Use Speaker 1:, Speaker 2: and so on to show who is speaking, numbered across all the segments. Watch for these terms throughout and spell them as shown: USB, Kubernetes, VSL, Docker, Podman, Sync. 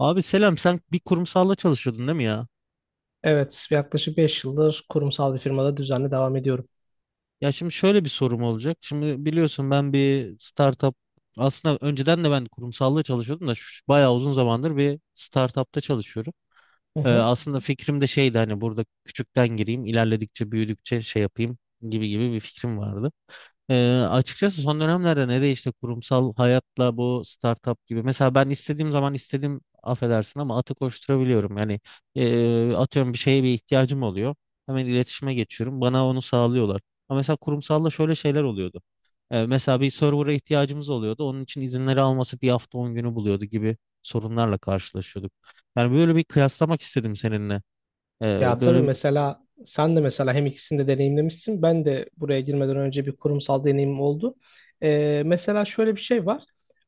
Speaker 1: Abi selam, sen bir kurumsalla çalışıyordun, değil mi ya?
Speaker 2: Evet, yaklaşık 5 yıldır kurumsal bir firmada düzenli devam ediyorum.
Speaker 1: Ya şimdi şöyle bir sorum olacak. Şimdi biliyorsun, ben bir startup, aslında önceden de ben kurumsalla çalışıyordum da bayağı uzun zamandır bir startupta çalışıyorum.
Speaker 2: Hı
Speaker 1: Ee,
Speaker 2: hı.
Speaker 1: aslında fikrim de şeydi, hani burada küçükten gireyim, ilerledikçe büyüdükçe şey yapayım gibi gibi bir fikrim vardı. Açıkçası son dönemlerde ne değişti kurumsal hayatla bu startup gibi. Mesela ben istediğim zaman istediğim, affedersin, ama atı koşturabiliyorum. Yani atıyorum, bir şeye bir ihtiyacım oluyor. Hemen iletişime geçiyorum. Bana onu sağlıyorlar. Ama mesela kurumsalla şöyle şeyler oluyordu. Mesela bir server'a ihtiyacımız oluyordu. Onun için izinleri alması bir hafta 10 günü buluyordu gibi sorunlarla karşılaşıyorduk. Yani böyle bir kıyaslamak istedim seninle. Ee,
Speaker 2: Ya tabii
Speaker 1: böyle bir...
Speaker 2: mesela sen de mesela hem ikisini de deneyimlemişsin. Ben de buraya girmeden önce bir kurumsal deneyimim oldu. Mesela şöyle bir şey var.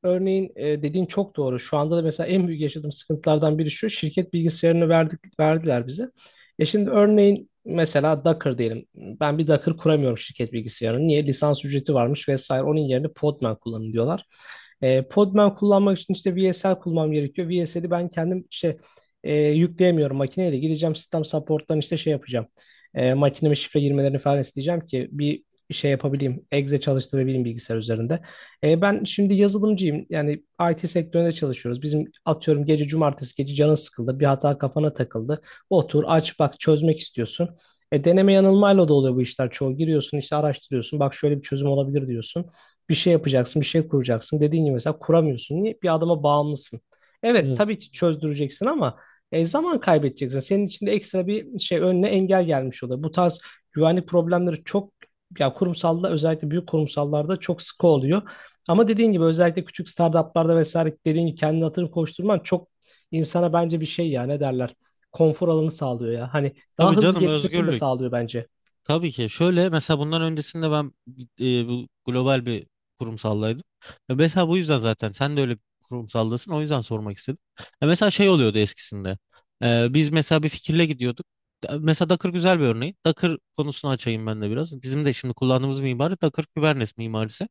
Speaker 2: Örneğin dediğin çok doğru. Şu anda da mesela en büyük yaşadığım sıkıntılardan biri şu. Şirket bilgisayarını verdik, verdiler bize. E şimdi örneğin mesela Docker diyelim. Ben bir Docker kuramıyorum şirket bilgisayarını. Niye? Lisans ücreti varmış vesaire. Onun yerine Podman kullanın diyorlar. Podman kullanmak için işte VSL kullanmam gerekiyor. VSL'i ben kendim işte yükleyemiyorum makineyle. Gideceğim sistem support'tan işte şey yapacağım. Makineme şifre girmelerini falan isteyeceğim ki bir şey yapabileyim. Exe çalıştırabileyim bilgisayar üzerinde. Ben şimdi yazılımcıyım. Yani IT sektöründe çalışıyoruz. Bizim atıyorum gece cumartesi gece canın sıkıldı. Bir hata kafana takıldı. Otur aç bak çözmek istiyorsun. Deneme yanılmayla da oluyor bu işler çoğu. Giriyorsun işte araştırıyorsun. Bak şöyle bir çözüm olabilir diyorsun. Bir şey yapacaksın, bir şey kuracaksın. Dediğin gibi mesela kuramıyorsun. Niye? Bir adama bağımlısın. Evet,
Speaker 1: Evet.
Speaker 2: tabii ki çözdüreceksin ama zaman kaybedeceksin. Senin için de ekstra bir şey önüne engel gelmiş oluyor. Bu tarz güvenlik problemleri çok ya kurumsalda özellikle büyük kurumsallarda çok sıkı oluyor. Ama dediğin gibi özellikle küçük startuplarda vesaire dediğin gibi kendini hatırı koşturman çok insana bence bir şey ya ne derler konfor alanı sağlıyor ya. Hani daha
Speaker 1: Tabii
Speaker 2: hızlı
Speaker 1: canım,
Speaker 2: gelişmesini de
Speaker 1: özgürlük.
Speaker 2: sağlıyor bence.
Speaker 1: Tabii ki. Şöyle, mesela bundan öncesinde ben bu global bir kurumsallaydım. Ya mesela bu yüzden zaten sen de öyle bir kurumsaldasın. O yüzden sormak istedim. Ya mesela şey oluyordu eskisinde. Biz mesela bir fikirle gidiyorduk. Mesela Docker güzel bir örneği. Docker konusunu açayım ben de biraz. Bizim de şimdi kullandığımız mimari Docker Kubernetes mimarisi.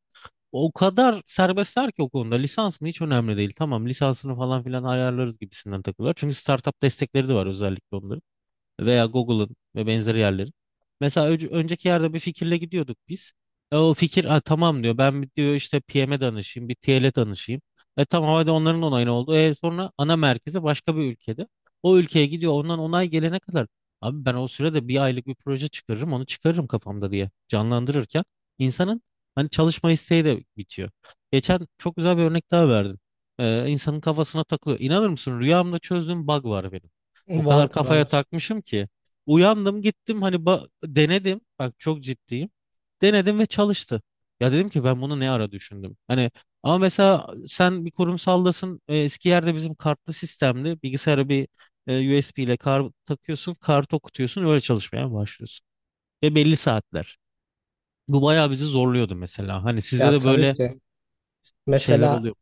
Speaker 1: O kadar serbestler ki o konuda. Lisans mı, hiç önemli değil. Tamam, lisansını falan filan ayarlarız gibisinden takılıyor. Çünkü startup destekleri de var, özellikle onların veya Google'ın ve benzeri yerlerin. Mesela önceki yerde bir fikirle gidiyorduk biz. O fikir, "Ha, tamam," diyor. "Ben, bir diyor, işte PM'e danışayım, bir TL'e danışayım." Tamam, hadi onların onayını oldu. Sonra ana merkezi başka bir ülkede. O ülkeye gidiyor. Ondan onay gelene kadar, abi, ben o sürede bir aylık bir proje çıkarırım, onu çıkarırım kafamda diye canlandırırken insanın hani çalışma isteği de bitiyor. Geçen çok güzel bir örnek daha verdin. E, insanın kafasına takılıyor. İnanır mısın, rüyamda çözdüğüm bug var benim. O kadar
Speaker 2: Vardır
Speaker 1: kafaya
Speaker 2: vardır.
Speaker 1: takmışım ki. Uyandım, gittim hani denedim. Bak, çok ciddiyim. Denedim ve çalıştı. Ya, dedim ki, ben bunu ne ara düşündüm. Hani ama mesela sen bir kurumsaldasın. Eski yerde bizim kartlı sistemli bilgisayara bir USB ile kar takıyorsun. Kart okutuyorsun. Öyle çalışmaya başlıyorsun. Ve belli saatler. Bu bayağı bizi zorluyordu mesela. Hani sizde
Speaker 2: Ya
Speaker 1: de
Speaker 2: tabii
Speaker 1: böyle
Speaker 2: ki.
Speaker 1: şeyler
Speaker 2: Mesela
Speaker 1: oluyor.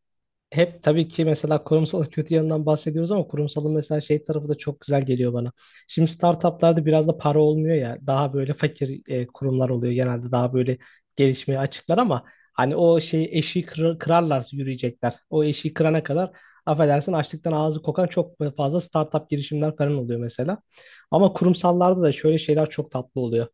Speaker 2: hep tabii ki mesela kurumsalın kötü yanından bahsediyoruz ama kurumsalın mesela şey tarafı da çok güzel geliyor bana. Şimdi startuplarda biraz da para olmuyor ya daha böyle fakir kurumlar oluyor genelde daha böyle gelişmeye açıklar ama hani o şeyi eşiği kırar, kırarlarsa yürüyecekler. O eşiği kırana kadar affedersin açlıktan ağzı kokan çok fazla startup girişimler falan oluyor mesela. Ama kurumsallarda da şöyle şeyler çok tatlı oluyor.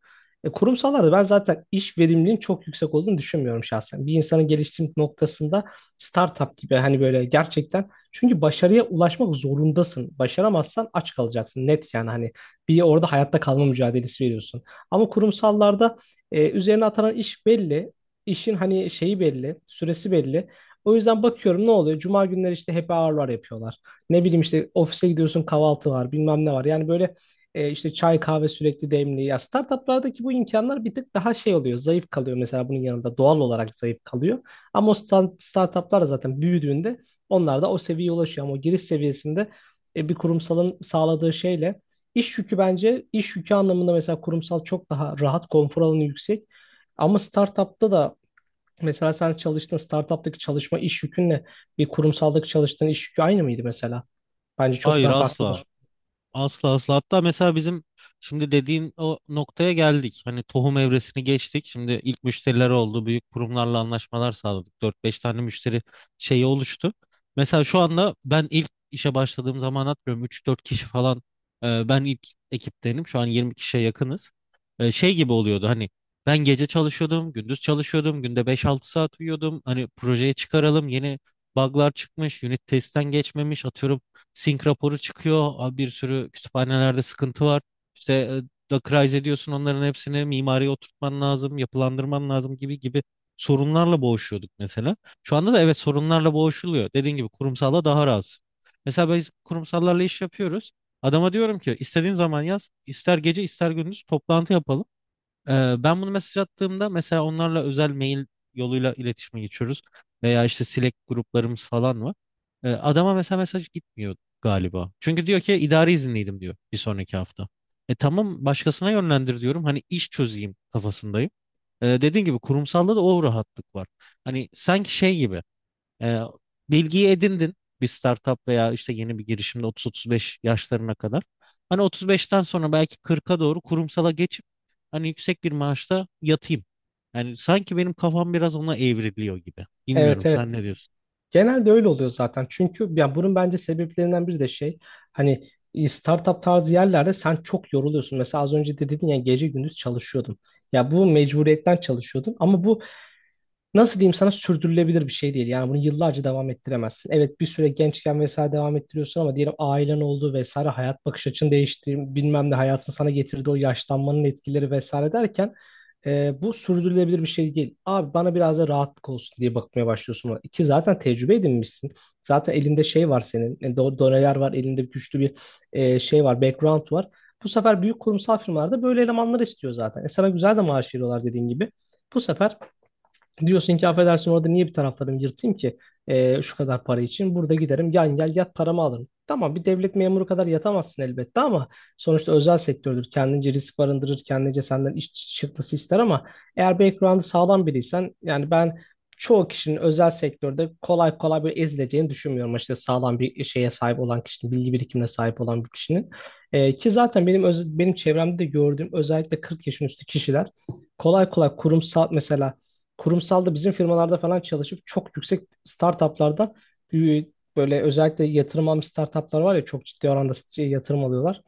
Speaker 2: Kurumsallarda ben zaten iş verimliliğin çok yüksek olduğunu düşünmüyorum şahsen. Bir insanın geliştiği noktasında startup gibi hani böyle gerçekten çünkü başarıya ulaşmak zorundasın. Başaramazsan aç kalacaksın net yani hani bir orada hayatta kalma mücadelesi veriyorsun. Ama kurumsallarda üzerine atanan iş belli. İşin hani şeyi belli, süresi belli. O yüzden bakıyorum ne oluyor? Cuma günleri işte happy hour'lar yapıyorlar. Ne bileyim işte ofise gidiyorsun kahvaltı var, bilmem ne var. Yani böyle işte çay kahve sürekli demli. Ya startuplardaki bu imkanlar bir tık daha şey oluyor. Zayıf kalıyor mesela bunun yanında doğal olarak zayıf kalıyor. Ama o startuplar da zaten büyüdüğünde onlar da o seviyeye ulaşıyor. Ama o giriş seviyesinde bir kurumsalın sağladığı şeyle iş yükü bence iş yükü anlamında mesela kurumsal çok daha rahat, konfor alanı yüksek. Ama startupta da mesela sen çalıştığın startuptaki çalışma iş yükünle bir kurumsaldaki çalıştığın iş yükü aynı mıydı mesela? Bence çok
Speaker 1: Hayır,
Speaker 2: daha
Speaker 1: asla.
Speaker 2: farklıdır.
Speaker 1: Asla asla. Hatta mesela bizim şimdi dediğin o noktaya geldik. Hani tohum evresini geçtik. Şimdi ilk müşteriler oldu. Büyük kurumlarla anlaşmalar sağladık. Dört beş tane müşteri şeyi oluştu. Mesela şu anda, ben ilk işe başladığım zaman hatırlıyorum, üç dört kişi falan ben ilk ekiptenim. Şu an 20 kişiye yakınız. Şey gibi oluyordu, hani ben gece çalışıyordum, gündüz çalışıyordum, günde 5-6 saat uyuyordum. Hani projeye çıkaralım, yeni bug'lar çıkmış, unit testten geçmemiş, atıyorum Sync raporu çıkıyor. Abi, bir sürü kütüphanelerde sıkıntı var. İşte Dockerize ediyorsun onların hepsini, mimariye oturtman lazım, yapılandırman lazım gibi gibi sorunlarla boğuşuyorduk mesela. Şu anda da evet, sorunlarla boğuşuluyor. Dediğin gibi kurumsalla daha rahatsın. Mesela biz kurumsallarla iş yapıyoruz. Adama diyorum ki, istediğin zaman yaz, ister gece ister gündüz toplantı yapalım. Ben bunu mesaj attığımda mesela onlarla özel mail yoluyla iletişime geçiyoruz. Veya işte Slack gruplarımız falan var. Adama mesela mesaj gitmiyor galiba. Çünkü diyor ki, idari izinliydim, diyor, bir sonraki hafta. E tamam, başkasına yönlendir diyorum. Hani iş çözeyim kafasındayım. Dediğin gibi kurumsalda da o rahatlık var. Hani sanki şey gibi. Ee, bilgiyi edindin bir startup veya işte yeni bir girişimde 30-35 yaşlarına kadar. Hani 35'ten sonra belki 40'a doğru kurumsala geçip hani yüksek bir maaşta yatayım. Yani sanki benim kafam biraz ona evriliyor gibi.
Speaker 2: Evet
Speaker 1: Bilmiyorum,
Speaker 2: evet.
Speaker 1: sen ne diyorsun?
Speaker 2: Genelde öyle oluyor zaten. Çünkü ya bunun bence sebeplerinden biri de şey hani startup tarzı yerlerde sen çok yoruluyorsun. Mesela az önce de dedin ya gece gündüz çalışıyordum. Ya bu mecburiyetten çalışıyordun ama bu nasıl diyeyim sana sürdürülebilir bir şey değil. Yani bunu yıllarca devam ettiremezsin. Evet bir süre gençken vesaire devam ettiriyorsun ama diyelim ailen oldu vesaire hayat bakış açın değişti bilmem ne hayatın sana getirdiği o yaşlanmanın etkileri vesaire derken bu sürdürülebilir bir şey değil. Abi bana biraz da rahatlık olsun diye bakmaya başlıyorsun ona. İki zaten tecrübe edinmişsin. Zaten elinde şey var senin. Doneler var elinde güçlü bir şey var background var. Bu sefer büyük kurumsal firmalarda böyle elemanlar istiyor zaten. E sana güzel de maaş veriyorlar dediğin gibi. Bu sefer diyorsun ki affedersin orada niye bir taraflarımı yırtayım ki şu kadar para için. Burada giderim gel gel yat paramı alırım. Tamam bir devlet memuru kadar yatamazsın elbette ama sonuçta özel sektördür. Kendince risk barındırır, kendince senden iş çıktısı ister ama eğer background'ı sağlam biriysen yani ben çoğu kişinin özel sektörde kolay kolay böyle ezileceğini düşünmüyorum. İşte sağlam bir şeye sahip olan kişinin, bilgi birikimine sahip olan bir kişinin. Ki zaten benim benim çevremde de gördüğüm özellikle 40 yaşın üstü kişiler kolay kolay kurumsal mesela kurumsalda bizim firmalarda falan çalışıp çok yüksek startuplardan e, böyle özellikle yatırım almış startuplar var ya çok ciddi oranda şey, yatırım alıyorlar.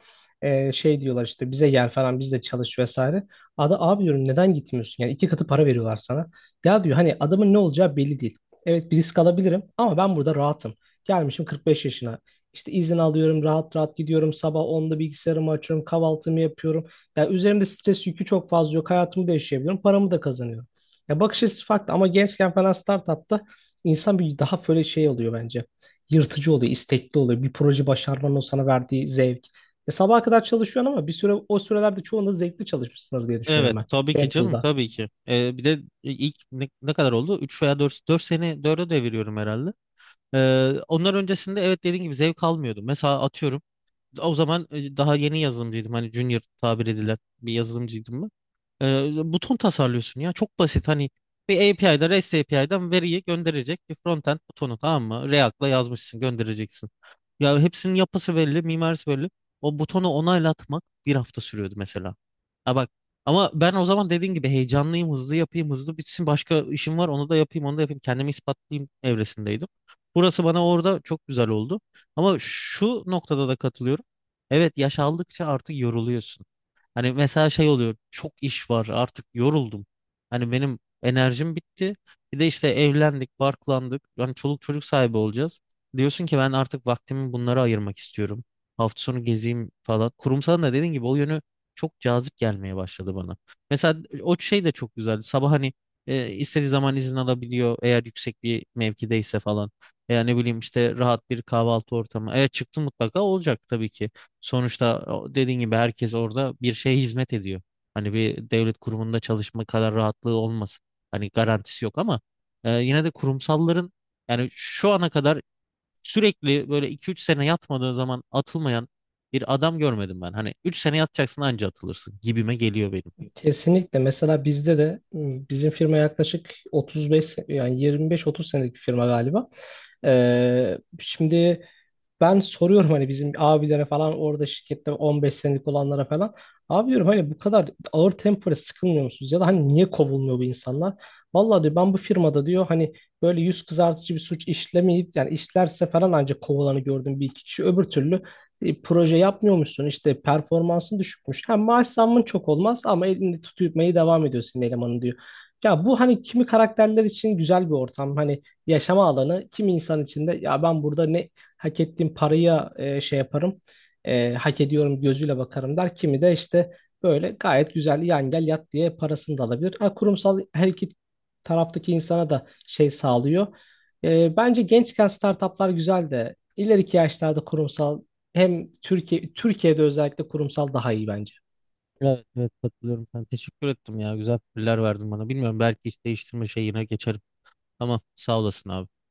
Speaker 2: Şey diyorlar işte bize gel falan biz de çalış vesaire. Ada abi diyorum neden gitmiyorsun? Yani iki katı para veriyorlar sana. Ya diyor hani adamın ne olacağı belli değil. Evet bir risk alabilirim ama ben burada rahatım. Gelmişim 45 yaşına. İşte izin alıyorum, rahat rahat gidiyorum. Sabah onda bilgisayarımı açıyorum, kahvaltımı yapıyorum. Yani üzerimde stres yükü çok fazla yok. Hayatımı da yaşayabiliyorum, paramı da kazanıyorum. Ya bakış açısı farklı ama gençken falan startupta insan bir daha böyle şey oluyor bence. Yırtıcı oluyor, istekli oluyor. Bir proje başarmanın o sana verdiği zevk. Sabaha kadar çalışıyorsun ama bir süre o sürelerde çoğunda zevkli çalışmışsındır diye
Speaker 1: Evet
Speaker 2: düşünüyorum ben.
Speaker 1: tabii ki canım
Speaker 2: Temple'da.
Speaker 1: tabii ki. Bir de ilk, ne kadar oldu? Üç veya dört sene, 4'e deviriyorum herhalde. Onlar öncesinde, evet, dediğin gibi zevk almıyordum. Mesela atıyorum o zaman daha yeni yazılımcıydım. Hani junior tabir edilen bir yazılımcıydım. Buton tasarlıyorsun ya. Çok basit, hani bir API'da REST API'den veriyi gönderecek bir frontend butonu, tamam mı? React'la yazmışsın, göndereceksin. Ya hepsinin yapısı belli, mimarisi belli. O butonu onaylatmak bir hafta sürüyordu mesela. Ha bak, ama ben o zaman dediğin gibi heyecanlıyım, hızlı yapayım, hızlı bitsin. Başka işim var, onu da yapayım, onu da yapayım. Kendimi ispatlayayım evresindeydim. Burası bana orada çok güzel oldu. Ama şu noktada da katılıyorum. Evet, yaş aldıkça artık yoruluyorsun. Hani mesela şey oluyor, çok iş var, artık yoruldum. Hani benim enerjim bitti. Bir de işte evlendik, barklandık. Yani çoluk çocuk sahibi olacağız. Diyorsun ki ben artık vaktimi bunlara ayırmak istiyorum. Hafta sonu gezeyim falan. Kurumsal da dediğin gibi o yönü çok cazip gelmeye başladı bana. Mesela o şey de çok güzeldi. Sabah hani istediği zaman izin alabiliyor, eğer yüksek bir mevkideyse falan. Veya ne bileyim, işte rahat bir kahvaltı ortamı. Eğer çıktı mutlaka olacak tabii ki. Sonuçta dediğin gibi herkes orada bir şeye hizmet ediyor. Hani bir devlet kurumunda çalışma kadar rahatlığı olmaz. Hani garantisi yok ama yine de kurumsalların, yani şu ana kadar sürekli böyle 2-3 sene yatmadığı zaman atılmayan bir adam görmedim ben. Hani 3 sene yatacaksın, anca atılırsın gibime geliyor benim.
Speaker 2: Kesinlikle. Mesela bizde de bizim firma yaklaşık 35 yani 25-30 senelik bir firma galiba. Şimdi ben soruyorum hani bizim abilere falan orada şirkette 15 senelik olanlara falan. Abi diyorum hani bu kadar ağır tempoya sıkılmıyor musunuz? Ya da hani niye kovulmuyor bu insanlar? Vallahi diyor ben bu firmada diyor hani böyle yüz kızartıcı bir suç işlemeyip yani işlerse falan ancak kovulanı gördüm bir iki kişi. Öbür türlü proje yapmıyormuşsun işte performansın düşükmüş. Hem maaş zammın çok olmaz ama elini tutmayı devam ediyorsun elemanın diyor. Ya bu hani kimi karakterler için güzel bir ortam hani yaşama alanı kimi insan için de ya ben burada ne hak ettiğim paraya şey yaparım hak ediyorum gözüyle bakarım der. Kimi de işte böyle gayet güzel yan gel yat diye parasını da alabilir. Ha, kurumsal her iki taraftaki insana da şey sağlıyor. Bence gençken startuplar güzel de ileriki yaşlarda kurumsal hem Türkiye Türkiye'de özellikle kurumsal daha iyi bence.
Speaker 1: Evet evet, katılıyorum. Ben teşekkür ettim ya. Güzel fikirler verdin bana. Bilmiyorum, belki iş değiştirme şeyine geçerim. Tamam, sağ olasın abi.